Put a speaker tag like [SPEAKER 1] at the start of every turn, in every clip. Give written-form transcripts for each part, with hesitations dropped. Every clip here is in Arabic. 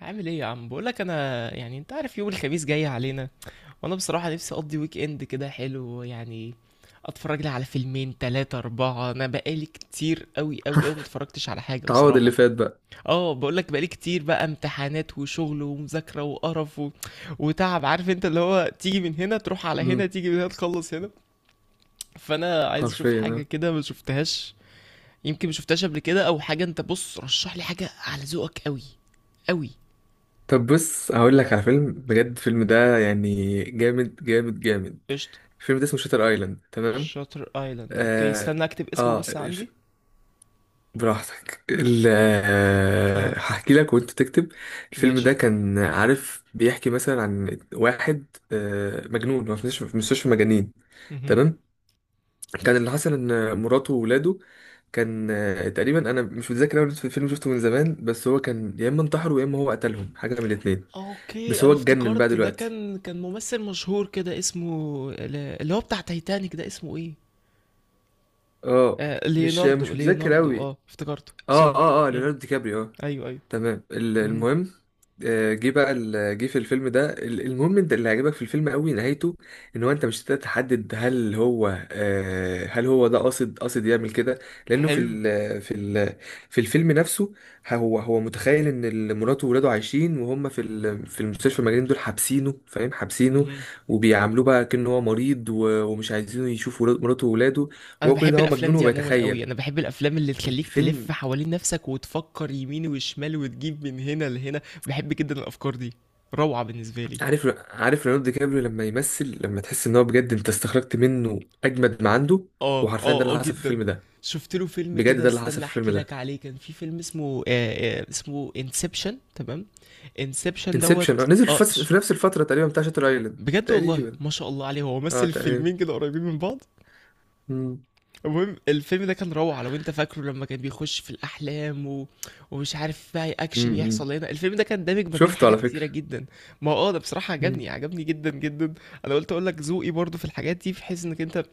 [SPEAKER 1] عامل ايه يا عم؟ بقولك انا يعني انت عارف يوم الخميس جاي علينا، وانا بصراحة نفسي اقضي ويك اند كده حلو يعني. اتفرج لي على فيلمين تلاتة اربعة، انا بقالي كتير قوي متفرجتش على حاجة
[SPEAKER 2] تعوض اللي
[SPEAKER 1] بصراحة.
[SPEAKER 2] فات بقى.
[SPEAKER 1] اه بقولك، بقالي كتير بقى امتحانات وشغل ومذاكرة وقرف وتعب، عارف انت اللي هو تيجي من هنا تروح على هنا،
[SPEAKER 2] امم.
[SPEAKER 1] تيجي من هنا تخلص هنا. فانا عايز اشوف
[SPEAKER 2] حرفيا
[SPEAKER 1] حاجة
[SPEAKER 2] آه.
[SPEAKER 1] كده ما شفتهاش، يمكن ما شفتهاش قبل كده او حاجة. انت بص، رشح لي حاجة على ذوقك قوي قوي.
[SPEAKER 2] طب بص هقول لك على فيلم بجد. الفيلم ده يعني جامد جامد جامد.
[SPEAKER 1] قشطة.
[SPEAKER 2] الفيلم ده اسمه شاتر ايلاند، تمام.
[SPEAKER 1] شاتر ايلاند، اوكي
[SPEAKER 2] اه.
[SPEAKER 1] استنى اكتب اسمه
[SPEAKER 2] آه
[SPEAKER 1] بس
[SPEAKER 2] الف...
[SPEAKER 1] عندي.
[SPEAKER 2] براحتك. ال...
[SPEAKER 1] ها.
[SPEAKER 2] آه، هحكي لك وانت تكتب. الفيلم ده
[SPEAKER 1] ماشي.
[SPEAKER 2] كان عارف بيحكي مثلا عن واحد مجنون، هو في مستشفى، في مستشفى مجانين،
[SPEAKER 1] مهم.
[SPEAKER 2] تمام. كان اللي حصل ان مراته وولاده. كان آه، تقريبا انا مش متذكر اول الفيلم، شفته من زمان، بس هو كان يا اما انتحروا يا اما هو قتلهم، حاجه من الاثنين.
[SPEAKER 1] اوكي،
[SPEAKER 2] بس
[SPEAKER 1] انا
[SPEAKER 2] هو اتجنن بقى
[SPEAKER 1] افتكرت ده
[SPEAKER 2] دلوقتي.
[SPEAKER 1] كان ممثل مشهور كده اسمه اللي هو بتاع تايتانيك ده، اسمه ايه؟
[SPEAKER 2] اه.
[SPEAKER 1] آه
[SPEAKER 2] مش
[SPEAKER 1] ليوناردو،
[SPEAKER 2] مش متذكر
[SPEAKER 1] ليوناردو،
[SPEAKER 2] قوي.
[SPEAKER 1] اه افتكرته،
[SPEAKER 2] اه،
[SPEAKER 1] سوري.
[SPEAKER 2] اه، اه،
[SPEAKER 1] مم.
[SPEAKER 2] ليوناردو دي كابريو، اه.
[SPEAKER 1] ايوه ايوه.
[SPEAKER 2] تمام.
[SPEAKER 1] مهم.
[SPEAKER 2] المهم، جه في الفيلم ده. المهم انت اللي عجبك في الفيلم قوي نهايته. ان هو انت مش هتقدر تحدد هل هو، هل هو ده قاصد قاصد يعمل كده. لانه
[SPEAKER 1] حلو.
[SPEAKER 2] في الفيلم نفسه، هو متخيل ان مراته وولاده عايشين، وهم في في المستشفى المجانين دول، حابسينه فاهم حابسينه.
[SPEAKER 1] مهم.
[SPEAKER 2] وبيعاملوه بقى كأنه هو مريض، ومش عايزينه يشوف مراته وولاده.
[SPEAKER 1] انا
[SPEAKER 2] وهو كل
[SPEAKER 1] بحب
[SPEAKER 2] ده هو
[SPEAKER 1] الافلام
[SPEAKER 2] مجنون
[SPEAKER 1] دي عموما قوي،
[SPEAKER 2] وبيتخيل
[SPEAKER 1] انا بحب الافلام اللي تخليك تلف
[SPEAKER 2] الفيلم.
[SPEAKER 1] حوالين نفسك وتفكر يمين وشمال وتجيب من هنا لهنا. بحب جدا الافكار دي، روعة بالنسبة لي.
[SPEAKER 2] عارف ليوناردو دي كابريو لما يمثل، لما تحس ان هو بجد، انت استخرجت منه اجمد ما عنده.
[SPEAKER 1] اه
[SPEAKER 2] وحرفيا ده
[SPEAKER 1] اه اه
[SPEAKER 2] اللي حصل في
[SPEAKER 1] جدا.
[SPEAKER 2] الفيلم ده.
[SPEAKER 1] شفت له فيلم
[SPEAKER 2] بجد
[SPEAKER 1] كده،
[SPEAKER 2] ده اللي حصل
[SPEAKER 1] استنى
[SPEAKER 2] في الفيلم
[SPEAKER 1] احكي لك
[SPEAKER 2] ده.
[SPEAKER 1] عليه، كان في فيلم اسمه اسمه انسبشن، تمام. انسبشن دوت
[SPEAKER 2] انسبشن نزل في نفس الفتره تقريبا، بتاع شاتر ايلاند
[SPEAKER 1] بجد والله
[SPEAKER 2] تقريبا.
[SPEAKER 1] ما شاء الله عليه، هو
[SPEAKER 2] اه،
[SPEAKER 1] مثل
[SPEAKER 2] تقريبا.
[SPEAKER 1] فيلمين كده قريبين من بعض.
[SPEAKER 2] مم.
[SPEAKER 1] المهم الفيلم ده كان روعة، لو انت فاكره لما كان بيخش في الاحلام ومش عارف بقى اكشن
[SPEAKER 2] امم.
[SPEAKER 1] يحصل هنا، الفيلم ده كان دامج ما بين
[SPEAKER 2] شفته على
[SPEAKER 1] حاجات
[SPEAKER 2] فكره.
[SPEAKER 1] كتيرة جدا. ما اه ده بصراحة عجبني
[SPEAKER 2] مم.
[SPEAKER 1] عجبني جدا جدا. انا قلت اقول لك ذوقي برضو في الحاجات دي، بحيث انك انت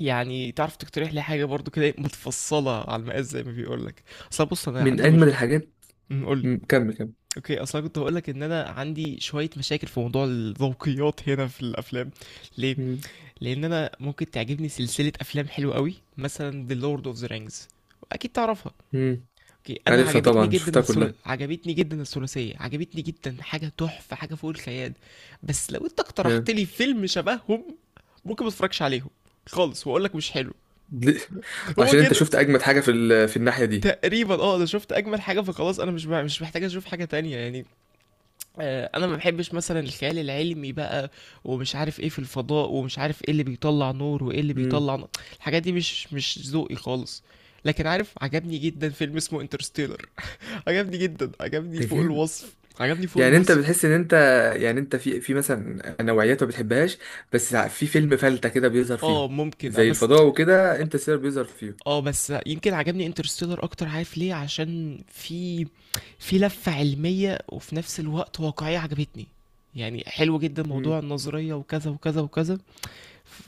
[SPEAKER 1] يعني تعرف تقترح لي حاجة برضو كده متفصلة على المقاس زي ما بيقولك. اصل بص، انا
[SPEAKER 2] من
[SPEAKER 1] عندي مش...
[SPEAKER 2] اجمد الحاجات.
[SPEAKER 1] أمم، قولي.
[SPEAKER 2] مم. كمل كمل.
[SPEAKER 1] اوكي، اصل أنا كنت هقولك ان انا عندي شوية مشاكل في موضوع الذوقيات هنا في الافلام. ليه؟
[SPEAKER 2] مم.
[SPEAKER 1] لان انا ممكن تعجبني سلسلة افلام حلوة قوي، مثلا The Lord of the Rings، اكيد تعرفها.
[SPEAKER 2] مم.
[SPEAKER 1] اوكي، انا
[SPEAKER 2] عارفها
[SPEAKER 1] عجبتني
[SPEAKER 2] طبعا،
[SPEAKER 1] جدا
[SPEAKER 2] شفتها كلها.
[SPEAKER 1] عجبتني جدا الثلاثية، عجبتني جدا، حاجة تحفة، حاجة فوق الخيال. بس لو انت اقترحت
[SPEAKER 2] جامد.
[SPEAKER 1] لي فيلم شبههم، ممكن ما اتفرجش عليهم خالص واقول لك مش حلو.
[SPEAKER 2] ليه؟
[SPEAKER 1] هو
[SPEAKER 2] عشان انت
[SPEAKER 1] كده
[SPEAKER 2] شفت اجمد حاجه في الناحيه دي.
[SPEAKER 1] تقريبا، اه انا شفت اجمل حاجه، فخلاص انا مش محتاج اشوف حاجه تانية يعني. انا ما بحبش مثلا الخيال العلمي بقى، ومش عارف ايه في الفضاء، ومش عارف ايه اللي بيطلع نور، وايه اللي
[SPEAKER 2] مم.
[SPEAKER 1] بيطلع نار. الحاجات دي مش ذوقي خالص. لكن عارف، عجبني جدا فيلم اسمه انترستيلر، عجبني جدا، عجبني
[SPEAKER 2] ده
[SPEAKER 1] فوق
[SPEAKER 2] جامد.
[SPEAKER 1] الوصف، عجبني فوق
[SPEAKER 2] يعني انت
[SPEAKER 1] الوصف.
[SPEAKER 2] بتحس ان انت، يعني انت في مثلا نوعيات ما بتحبهاش، بس في فيلم فلتة كده بيظهر
[SPEAKER 1] اه
[SPEAKER 2] فيهم،
[SPEAKER 1] ممكن
[SPEAKER 2] زي
[SPEAKER 1] بس،
[SPEAKER 2] الفضاء وكده انت سير بيظهر فيهم.
[SPEAKER 1] اه بس يمكن عجبني انترستيلر اكتر، عارف ليه؟ عشان في لفة علمية، وفي نفس الوقت واقعية، عجبتني. يعني حلو جدا موضوع
[SPEAKER 2] امم.
[SPEAKER 1] النظرية وكذا وكذا وكذا،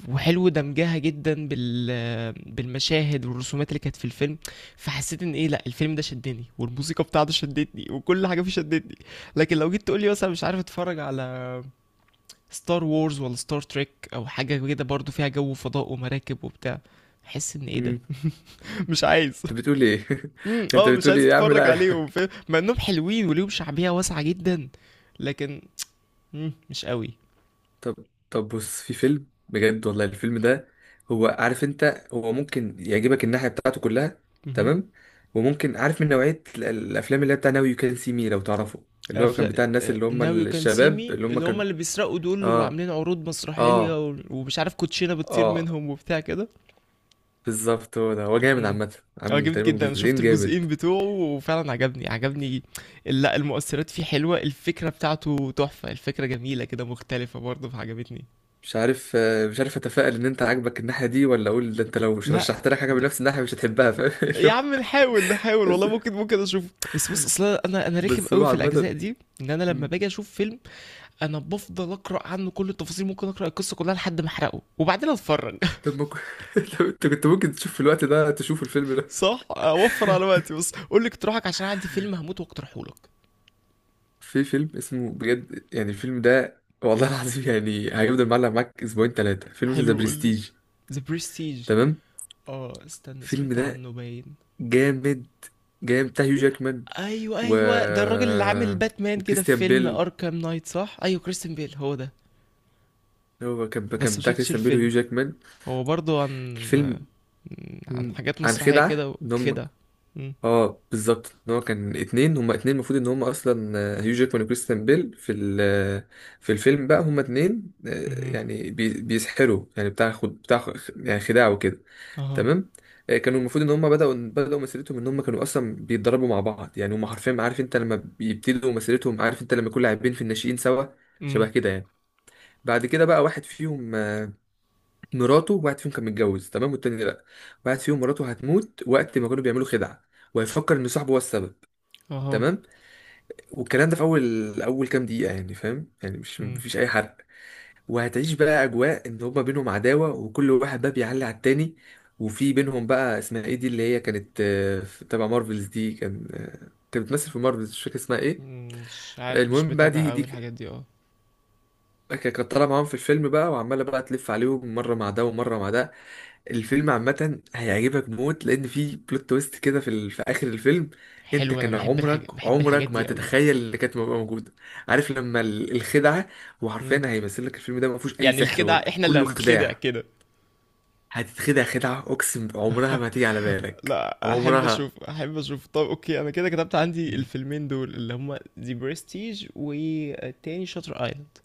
[SPEAKER 1] وحلو دمجها جدا بالمشاهد والرسومات اللي كانت في الفيلم. فحسيت ان ايه، لا الفيلم ده شدني، والموسيقى بتاعته شدتني، وكل حاجة فيه شدتني. لكن لو جيت تقولي مثلا مش عارف اتفرج على ستار وورز ولا ستار تريك او حاجة كده برضو فيها جو فضاء ومراكب وبتاع، احس ان ايه ده.
[SPEAKER 2] امم.
[SPEAKER 1] مش عايز.
[SPEAKER 2] انت بتقول ايه؟
[SPEAKER 1] امم،
[SPEAKER 2] انت
[SPEAKER 1] اه مش
[SPEAKER 2] بتقول
[SPEAKER 1] عايز
[SPEAKER 2] ايه يا عم؟
[SPEAKER 1] اتفرج
[SPEAKER 2] لا يا عم.
[SPEAKER 1] عليهم، فاهم؟ مع انهم حلوين وليهم شعبية واسعة جدا، لكن مم، مش قوي.
[SPEAKER 2] طب طب بص، في فيلم بجد والله. الفيلم ده، هو عارف انت، هو ممكن يعجبك الناحية بتاعته كلها،
[SPEAKER 1] امم.
[SPEAKER 2] تمام. وممكن عارف، من نوعية الافلام اللي هي بتاع ناو يو كان سي مي، لو تعرفه، اللي هو كان
[SPEAKER 1] افلام
[SPEAKER 2] بتاع الناس اللي هم
[SPEAKER 1] ناو يو كان سي
[SPEAKER 2] الشباب
[SPEAKER 1] مي،
[SPEAKER 2] اللي هم
[SPEAKER 1] اللي هما
[SPEAKER 2] كانوا.
[SPEAKER 1] اللي بيسرقوا دول،
[SPEAKER 2] اه،
[SPEAKER 1] وعاملين عروض
[SPEAKER 2] اه،
[SPEAKER 1] مسرحية ومش عارف كوتشينة بتطير
[SPEAKER 2] اه،
[SPEAKER 1] منهم وبتاع كده.
[SPEAKER 2] بالظبط، هو ده. هو جامد
[SPEAKER 1] امم.
[SPEAKER 2] عامة،
[SPEAKER 1] اه
[SPEAKER 2] عامل
[SPEAKER 1] جامد
[SPEAKER 2] تقريبا
[SPEAKER 1] جدا، انا شفت
[SPEAKER 2] جزئين جامد.
[SPEAKER 1] الجزئين بتوعه، وفعلا عجبني عجبني. لا المؤثرات فيه حلوة، الفكرة بتاعته تحفة، الفكرة جميلة كده مختلفة برضه، فعجبتني.
[SPEAKER 2] مش عارف، مش عارف اتفائل ان انت عاجبك الناحية دي، ولا اقول ده انت لو مش
[SPEAKER 1] لا
[SPEAKER 2] رشحت لك حاجة بنفس الناحية مش هتحبها، فاهم، اللي
[SPEAKER 1] يا
[SPEAKER 2] هو
[SPEAKER 1] عم نحاول والله،
[SPEAKER 2] بس.
[SPEAKER 1] ممكن ممكن اشوف. بس بص اصلا، انا رخم
[SPEAKER 2] بس هو
[SPEAKER 1] قوي في الاجزاء
[SPEAKER 2] عامة.
[SPEAKER 1] دي، ان انا لما
[SPEAKER 2] مم،
[SPEAKER 1] باجي اشوف فيلم، انا بفضل اقرا عنه كل التفاصيل، ممكن اقرا القصه كلها لحد ما احرقه وبعدين اتفرج.
[SPEAKER 2] طب ما كو- طب انت كنت ممكن تشوف في الوقت ده تشوف الفيلم نفسه.
[SPEAKER 1] صح اوفر على وقتي. بس قول لي اقتراحك، عشان عندي فيلم هموت واقترحه لك.
[SPEAKER 2] في فيلم اسمه بجد، يعني الفيلم ده والله العظيم يعني هيفضل معلق معاك اسبوعين ثلاثة. فيلم اسمه ذا
[SPEAKER 1] حلو، قول لي.
[SPEAKER 2] برستيج،
[SPEAKER 1] ذا برستيج.
[SPEAKER 2] تمام.
[SPEAKER 1] اه استنى،
[SPEAKER 2] الفيلم
[SPEAKER 1] سمعت
[SPEAKER 2] ده
[SPEAKER 1] عنه باين.
[SPEAKER 2] جامد. جامد بتاع هيو جاكمان.
[SPEAKER 1] ايوه
[SPEAKER 2] و
[SPEAKER 1] ايوه، ده الراجل اللي عامل باتمان كده في
[SPEAKER 2] وكريستيان
[SPEAKER 1] فيلم
[SPEAKER 2] بيل.
[SPEAKER 1] اركام نايت صح؟ ايوه كريستن بيل، هو ده.
[SPEAKER 2] هو كان
[SPEAKER 1] بس
[SPEAKER 2] كان
[SPEAKER 1] ما
[SPEAKER 2] بتاع
[SPEAKER 1] شفتش
[SPEAKER 2] كريستيان بيل
[SPEAKER 1] الفيلم.
[SPEAKER 2] وهيو جاكمان.
[SPEAKER 1] هو برضو عن،
[SPEAKER 2] الفيلم،
[SPEAKER 1] عن حاجات
[SPEAKER 2] عن
[SPEAKER 1] مسرحية
[SPEAKER 2] خدعة
[SPEAKER 1] كده
[SPEAKER 2] ان هم.
[SPEAKER 1] وكده. مم.
[SPEAKER 2] اه، بالظبط، ان هو كان اتنين، هما اتنين المفروض ان هما اصلا، هيو جاكمان وكريستيان بيل في الفيلم بقى، هما اتنين،
[SPEAKER 1] مهم.
[SPEAKER 2] يعني بيسحروا يعني، بتاع يعني خداع وكده،
[SPEAKER 1] اها.
[SPEAKER 2] تمام. كانوا المفروض ان هم بداوا مسيرتهم، ان هم كانوا اصلا بيتدربوا مع بعض يعني، هم حرفيا عارف انت لما بيبتدوا مسيرتهم، عارف انت لما يكون لاعبين في الناشئين سوا، شبه
[SPEAKER 1] مم.
[SPEAKER 2] كده يعني. بعد كده بقى واحد فيهم، مراته، واحد فيهم كان متجوز، تمام، والتاني لا. واحد فيهم مراته هتموت وقت ما كانوا بيعملوا خدعة، وهيفكر ان صاحبه هو السبب،
[SPEAKER 1] اها.
[SPEAKER 2] تمام. والكلام ده في اول كام دقيقة يعني، فاهم يعني، مش
[SPEAKER 1] مم.
[SPEAKER 2] مفيش اي حرق. وهتعيش بقى اجواء ان هما بينهم عداوة، وكل واحد بقى بيعلي على التاني. وفي بينهم بقى اسمها ايه، دي اللي هي كانت، تبع مارفلز، دي كان، كانت بتمثل في مارفلز، مش فاكر اسمها ايه.
[SPEAKER 1] مم. مش عارف، مش
[SPEAKER 2] المهم بقى
[SPEAKER 1] بتابع قوي الحاجات دي اه.
[SPEAKER 2] كانت طالعة معاهم في الفيلم بقى، وعمالة بقى تلف عليهم، مرة مع ده ومرة مع ده. الفيلم عامة هيعجبك موت، لأن في بلوت تويست كده في آخر الفيلم. أنت
[SPEAKER 1] حلو، انا
[SPEAKER 2] كان
[SPEAKER 1] بحب
[SPEAKER 2] عمرك
[SPEAKER 1] الحاجة، بحب الحاجات
[SPEAKER 2] عمرك ما
[SPEAKER 1] دي قوي.
[SPEAKER 2] هتتخيل إن كانت تبقى موجودة. عارف لما الخدعة،
[SPEAKER 1] مم.
[SPEAKER 2] وحرفيا هيمثل لك الفيلم ده ما فيهوش أي
[SPEAKER 1] يعني
[SPEAKER 2] سحر،
[SPEAKER 1] الخدع
[SPEAKER 2] ولا
[SPEAKER 1] احنا اللي
[SPEAKER 2] كله
[SPEAKER 1] هنتخدع
[SPEAKER 2] خداع.
[SPEAKER 1] كده.
[SPEAKER 2] هتتخدع خدعة أقسم عمرها ما تيجي على بالك
[SPEAKER 1] لا، احب
[SPEAKER 2] عمرها.
[SPEAKER 1] اشوف احب اشوف. طب اوكي، انا كده كتبت عندي
[SPEAKER 2] مم.
[SPEAKER 1] الفيلمين دول اللي هما ذا برستيج والتاني شاتر ايلاند.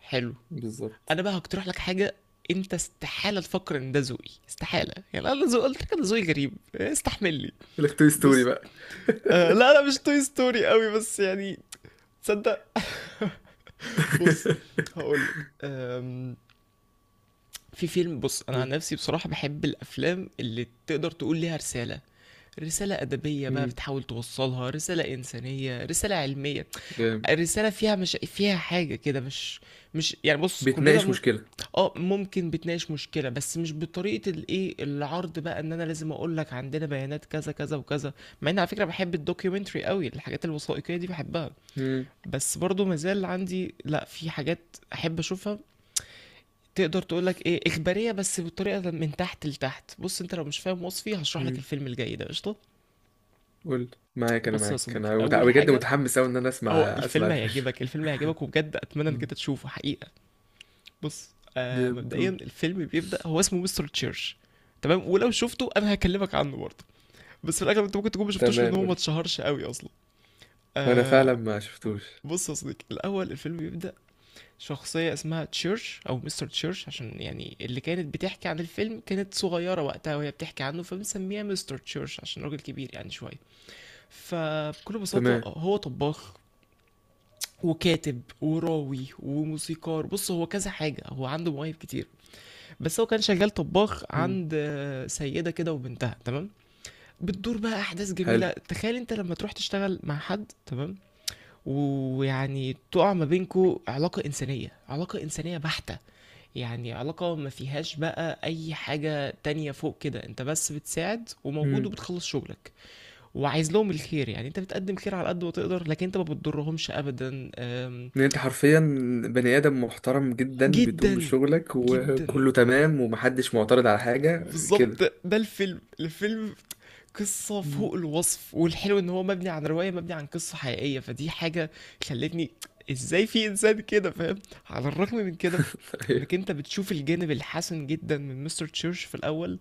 [SPEAKER 1] حلو.
[SPEAKER 2] بالظبط.
[SPEAKER 1] انا بقى هقترح لك حاجه، انت استحاله تفكر ان ده ذوقي، استحاله. يعني انا ذوق، قلت لك انا ذوقي غريب، استحملني.
[SPEAKER 2] يقول لك توي ستوري
[SPEAKER 1] بص،
[SPEAKER 2] بقى.
[SPEAKER 1] آه لا انا مش توي ستوري قوي، بس يعني، تصدق. بص، هقول لك. في فيلم، بص انا عن نفسي بصراحه بحب الافلام اللي تقدر تقول ليها رساله، رسالة أدبية بقى
[SPEAKER 2] مم.
[SPEAKER 1] بتحاول توصلها، رسالة إنسانية، رسالة علمية،
[SPEAKER 2] جامد.
[SPEAKER 1] رسالة فيها، مش فيها حاجة كده، مش، مش يعني، بص كلنا
[SPEAKER 2] بتناقش مشكلة.
[SPEAKER 1] ممكن بتناقش مشكلة، بس مش بطريقة الإيه، العرض بقى إن أنا لازم أقول لك عندنا بيانات كذا، كذا وكذا. مع إني على فكرة باحب الdocumentary أوي، الحاجات الوثائقية دي باحبها،
[SPEAKER 2] مم.
[SPEAKER 1] بس برضه ما زال عندي لأ، في حاجات أحب أشوفها. تقدر تقول لك إيه، إخبارية بس بطريقة من تحت لتحت. بُص، أنت لو مش فاهم وصفي هاشرح لك
[SPEAKER 2] مم.
[SPEAKER 1] الفيلم الجاي ده، قشطة؟
[SPEAKER 2] قول، معاك أنا،
[SPEAKER 1] بُص يا
[SPEAKER 2] معاك
[SPEAKER 1] صديقي،
[SPEAKER 2] أنا
[SPEAKER 1] أول
[SPEAKER 2] بجد
[SPEAKER 1] حاجة،
[SPEAKER 2] متحمس أوي إن أنا أسمع
[SPEAKER 1] هو
[SPEAKER 2] أسمع
[SPEAKER 1] الفيلم هيعجبك،
[SPEAKER 2] الفيلم.
[SPEAKER 1] الفيلم هيعجبك وبجد أتمنى إنك
[SPEAKER 2] مم.
[SPEAKER 1] أنت تشوفه حقيقة. بص، آه
[SPEAKER 2] جامد،
[SPEAKER 1] مبدئيا
[SPEAKER 2] قول.
[SPEAKER 1] الفيلم بيبدأ، هو اسمه مستر تشيرش. تمام، ولو شفته انا هكلمك عنه برضه، بس في الاغلب انت ممكن تكون ما شفتوش لان
[SPEAKER 2] تمام،
[SPEAKER 1] هو ما
[SPEAKER 2] قول.
[SPEAKER 1] اتشهرش قوي اصلا.
[SPEAKER 2] وانا فعلا
[SPEAKER 1] آه.
[SPEAKER 2] ما شفتوش.
[SPEAKER 1] بص يا صديقي، الاول الفيلم بيبدأ، شخصية اسمها تشيرش او مستر تشيرش، عشان يعني اللي كانت بتحكي عن الفيلم كانت صغيرة وقتها، وهي بتحكي عنه فبنسميها مستر تشيرش عشان راجل كبير يعني شوية. فبكل بساطة
[SPEAKER 2] تمام.
[SPEAKER 1] هو طباخ وكاتب وراوي وموسيقار، بص هو كذا حاجة، هو عنده مواهب كتير. بس هو كان شغال طباخ
[SPEAKER 2] مم.
[SPEAKER 1] عند سيدة كده وبنتها، تمام. بتدور بقى أحداث
[SPEAKER 2] حلو.
[SPEAKER 1] جميلة، تخيل أنت لما تروح تشتغل مع حد، تمام، ويعني تقع ما بينكو علاقة إنسانية، علاقة إنسانية بحتة، يعني علاقة ما فيهاش بقى أي حاجة تانية فوق كده، أنت بس بتساعد وموجود
[SPEAKER 2] امم،
[SPEAKER 1] وبتخلص شغلك وعايز لهم الخير، يعني أنت بتقدم خير على قد ما تقدر، لكن أنت ما بتضرهمش أبدا.
[SPEAKER 2] ان انت حرفيا بني ادم محترم جدا، بتقوم
[SPEAKER 1] جدا
[SPEAKER 2] بشغلك
[SPEAKER 1] جدا،
[SPEAKER 2] وكله تمام، ومحدش معترض على حاجه كده.
[SPEAKER 1] بالظبط ده الفيلم. الفيلم قصة
[SPEAKER 2] مم.
[SPEAKER 1] فوق الوصف، والحلو ان هو مبني عن رواية، مبني عن قصة حقيقية، فدي حاجة خلتني، ازاي في انسان كده، فاهم؟ على الرغم من كده، انك
[SPEAKER 2] ايوه.
[SPEAKER 1] انت بتشوف الجانب الحسن جدا من مستر تشيرش في الاول،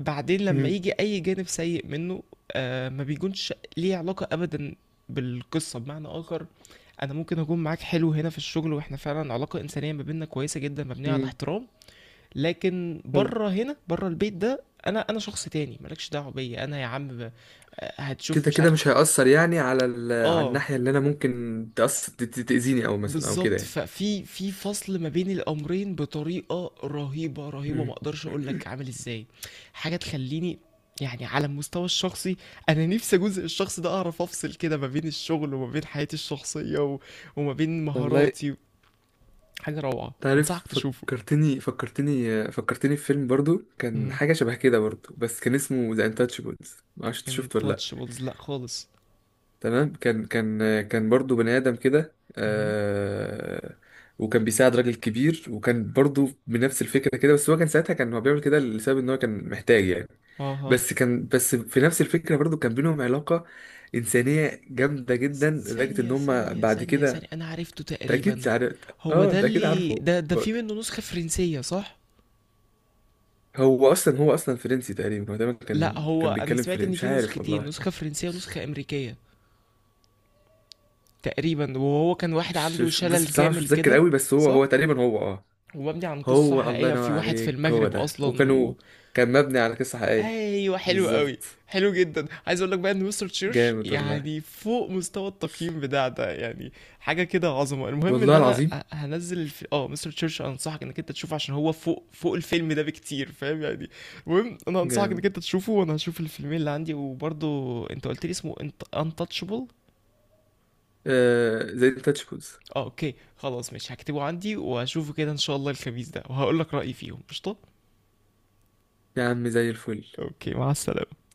[SPEAKER 1] بعدين لما
[SPEAKER 2] مم.
[SPEAKER 1] يجي اي جانب سيء منه، آه ما بيكونش ليه علاقة ابدا بالقصة. بمعنى اخر، انا ممكن اكون معاك حلو هنا في الشغل، واحنا فعلا علاقة انسانية ما بيننا كويسة جدا مبنية على
[SPEAKER 2] امم،
[SPEAKER 1] احترام، لكن
[SPEAKER 2] حلو.
[SPEAKER 1] بره، هنا بره البيت ده، انا انا شخص تاني، مالكش دعوه بيا. انا يا عم هتشوف
[SPEAKER 2] كده
[SPEAKER 1] مش
[SPEAKER 2] كده
[SPEAKER 1] عارف.
[SPEAKER 2] مش هيأثر يعني، على على
[SPEAKER 1] اه
[SPEAKER 2] الناحيه اللي انا ممكن تأثر، تأذيني او مثلا، او كده
[SPEAKER 1] بالظبط،
[SPEAKER 2] يعني.
[SPEAKER 1] ففي في فصل ما بين الامرين بطريقه رهيبه، ما
[SPEAKER 2] مم.
[SPEAKER 1] اقدرش اقول لك عامل ازاي، حاجه تخليني يعني على المستوى الشخصي، انا نفسي جزء الشخص ده اعرف افصل كده ما بين الشغل وما بين حياتي الشخصيه وما بين
[SPEAKER 2] والله
[SPEAKER 1] مهاراتي. حاجه روعه،
[SPEAKER 2] تعرف،
[SPEAKER 1] انصحك تشوفه.
[SPEAKER 2] فكرتني فكرتني فكرتني في فيلم برضو كان
[SPEAKER 1] امم.
[SPEAKER 2] حاجة شبه كده برضو، بس كان اسمه ذا انتاتشبلز، معرفش انت شفته ولا لأ.
[SPEAKER 1] انتاتشبلز، لا خالص.
[SPEAKER 2] تمام. كان برضو بني آدم كده،
[SPEAKER 1] امم.
[SPEAKER 2] وكان بيساعد راجل كبير، وكان برضو بنفس الفكرة كده، بس هو كان ساعتها، كان هو بيعمل كده لسبب ان هو كان محتاج يعني.
[SPEAKER 1] اها.
[SPEAKER 2] بس كان بس في نفس الفكرة برضو كان بينهم علاقة إنسانية جامدة جدا، لدرجة ان
[SPEAKER 1] ثانية
[SPEAKER 2] هما
[SPEAKER 1] ثانية
[SPEAKER 2] بعد
[SPEAKER 1] ثانية
[SPEAKER 2] كده.
[SPEAKER 1] ثانية أنا عرفته
[SPEAKER 2] انت
[SPEAKER 1] تقريبا،
[SPEAKER 2] اكيد عارف.
[SPEAKER 1] هو
[SPEAKER 2] اه،
[SPEAKER 1] ده
[SPEAKER 2] انت اكيد
[SPEAKER 1] اللي
[SPEAKER 2] عارفه.
[SPEAKER 1] ده، في منه نسخة فرنسية صح؟
[SPEAKER 2] هو اصلا فرنسي تقريبا، هو تقريبا
[SPEAKER 1] لا
[SPEAKER 2] كان
[SPEAKER 1] هو،
[SPEAKER 2] كان
[SPEAKER 1] أنا
[SPEAKER 2] بيتكلم
[SPEAKER 1] سمعت
[SPEAKER 2] فرنسي،
[SPEAKER 1] إن
[SPEAKER 2] مش
[SPEAKER 1] في
[SPEAKER 2] عارف
[SPEAKER 1] نسختين،
[SPEAKER 2] والله.
[SPEAKER 1] نسخة فرنسية ونسخة أمريكية تقريبا، وهو كان واحد
[SPEAKER 2] مش
[SPEAKER 1] عنده
[SPEAKER 2] مش
[SPEAKER 1] شلل
[SPEAKER 2] بس بصراحه، مش
[SPEAKER 1] كامل
[SPEAKER 2] متذكر
[SPEAKER 1] كده
[SPEAKER 2] قوي، بس هو
[SPEAKER 1] صح؟
[SPEAKER 2] هو تقريبا، هو، اه.
[SPEAKER 1] ومبني عن قصة
[SPEAKER 2] هو الله
[SPEAKER 1] حقيقية في
[SPEAKER 2] ينور
[SPEAKER 1] واحد في
[SPEAKER 2] عليك، هو
[SPEAKER 1] المغرب
[SPEAKER 2] ده،
[SPEAKER 1] أصلا.
[SPEAKER 2] وكانوا، كان مبني على قصه حقيقيه.
[SPEAKER 1] ايوه حلو قوي.
[SPEAKER 2] بالظبط.
[SPEAKER 1] حلو جدا. عايز اقول لك بقى ان مستر تشيرش
[SPEAKER 2] جامد والله.
[SPEAKER 1] يعني فوق مستوى التقييم بتاع ده يعني، حاجه كده عظمه. المهم ان
[SPEAKER 2] والله
[SPEAKER 1] انا
[SPEAKER 2] العظيم.
[SPEAKER 1] هنزل الف... اه مستر تشيرش انصحك انك انت تشوفه، عشان هو فوق، فوق الفيلم ده بكتير، فاهم يعني؟ المهم انا انصحك
[SPEAKER 2] جامد.
[SPEAKER 1] انك انت تشوفه، وانا هشوف الفيلمين اللي عندي، وبرضه انت قلت لي اسمه انت انتاتشبل.
[SPEAKER 2] آه، زي تاتش بوز.
[SPEAKER 1] اه اوكي خلاص، ماشي هكتبه عندي وهشوفه كده ان شاء الله الخميس ده، وهقول لك رايي فيهم، قشطه.
[SPEAKER 2] يا عم زي الفل.
[SPEAKER 1] اوكي، مع السلامه.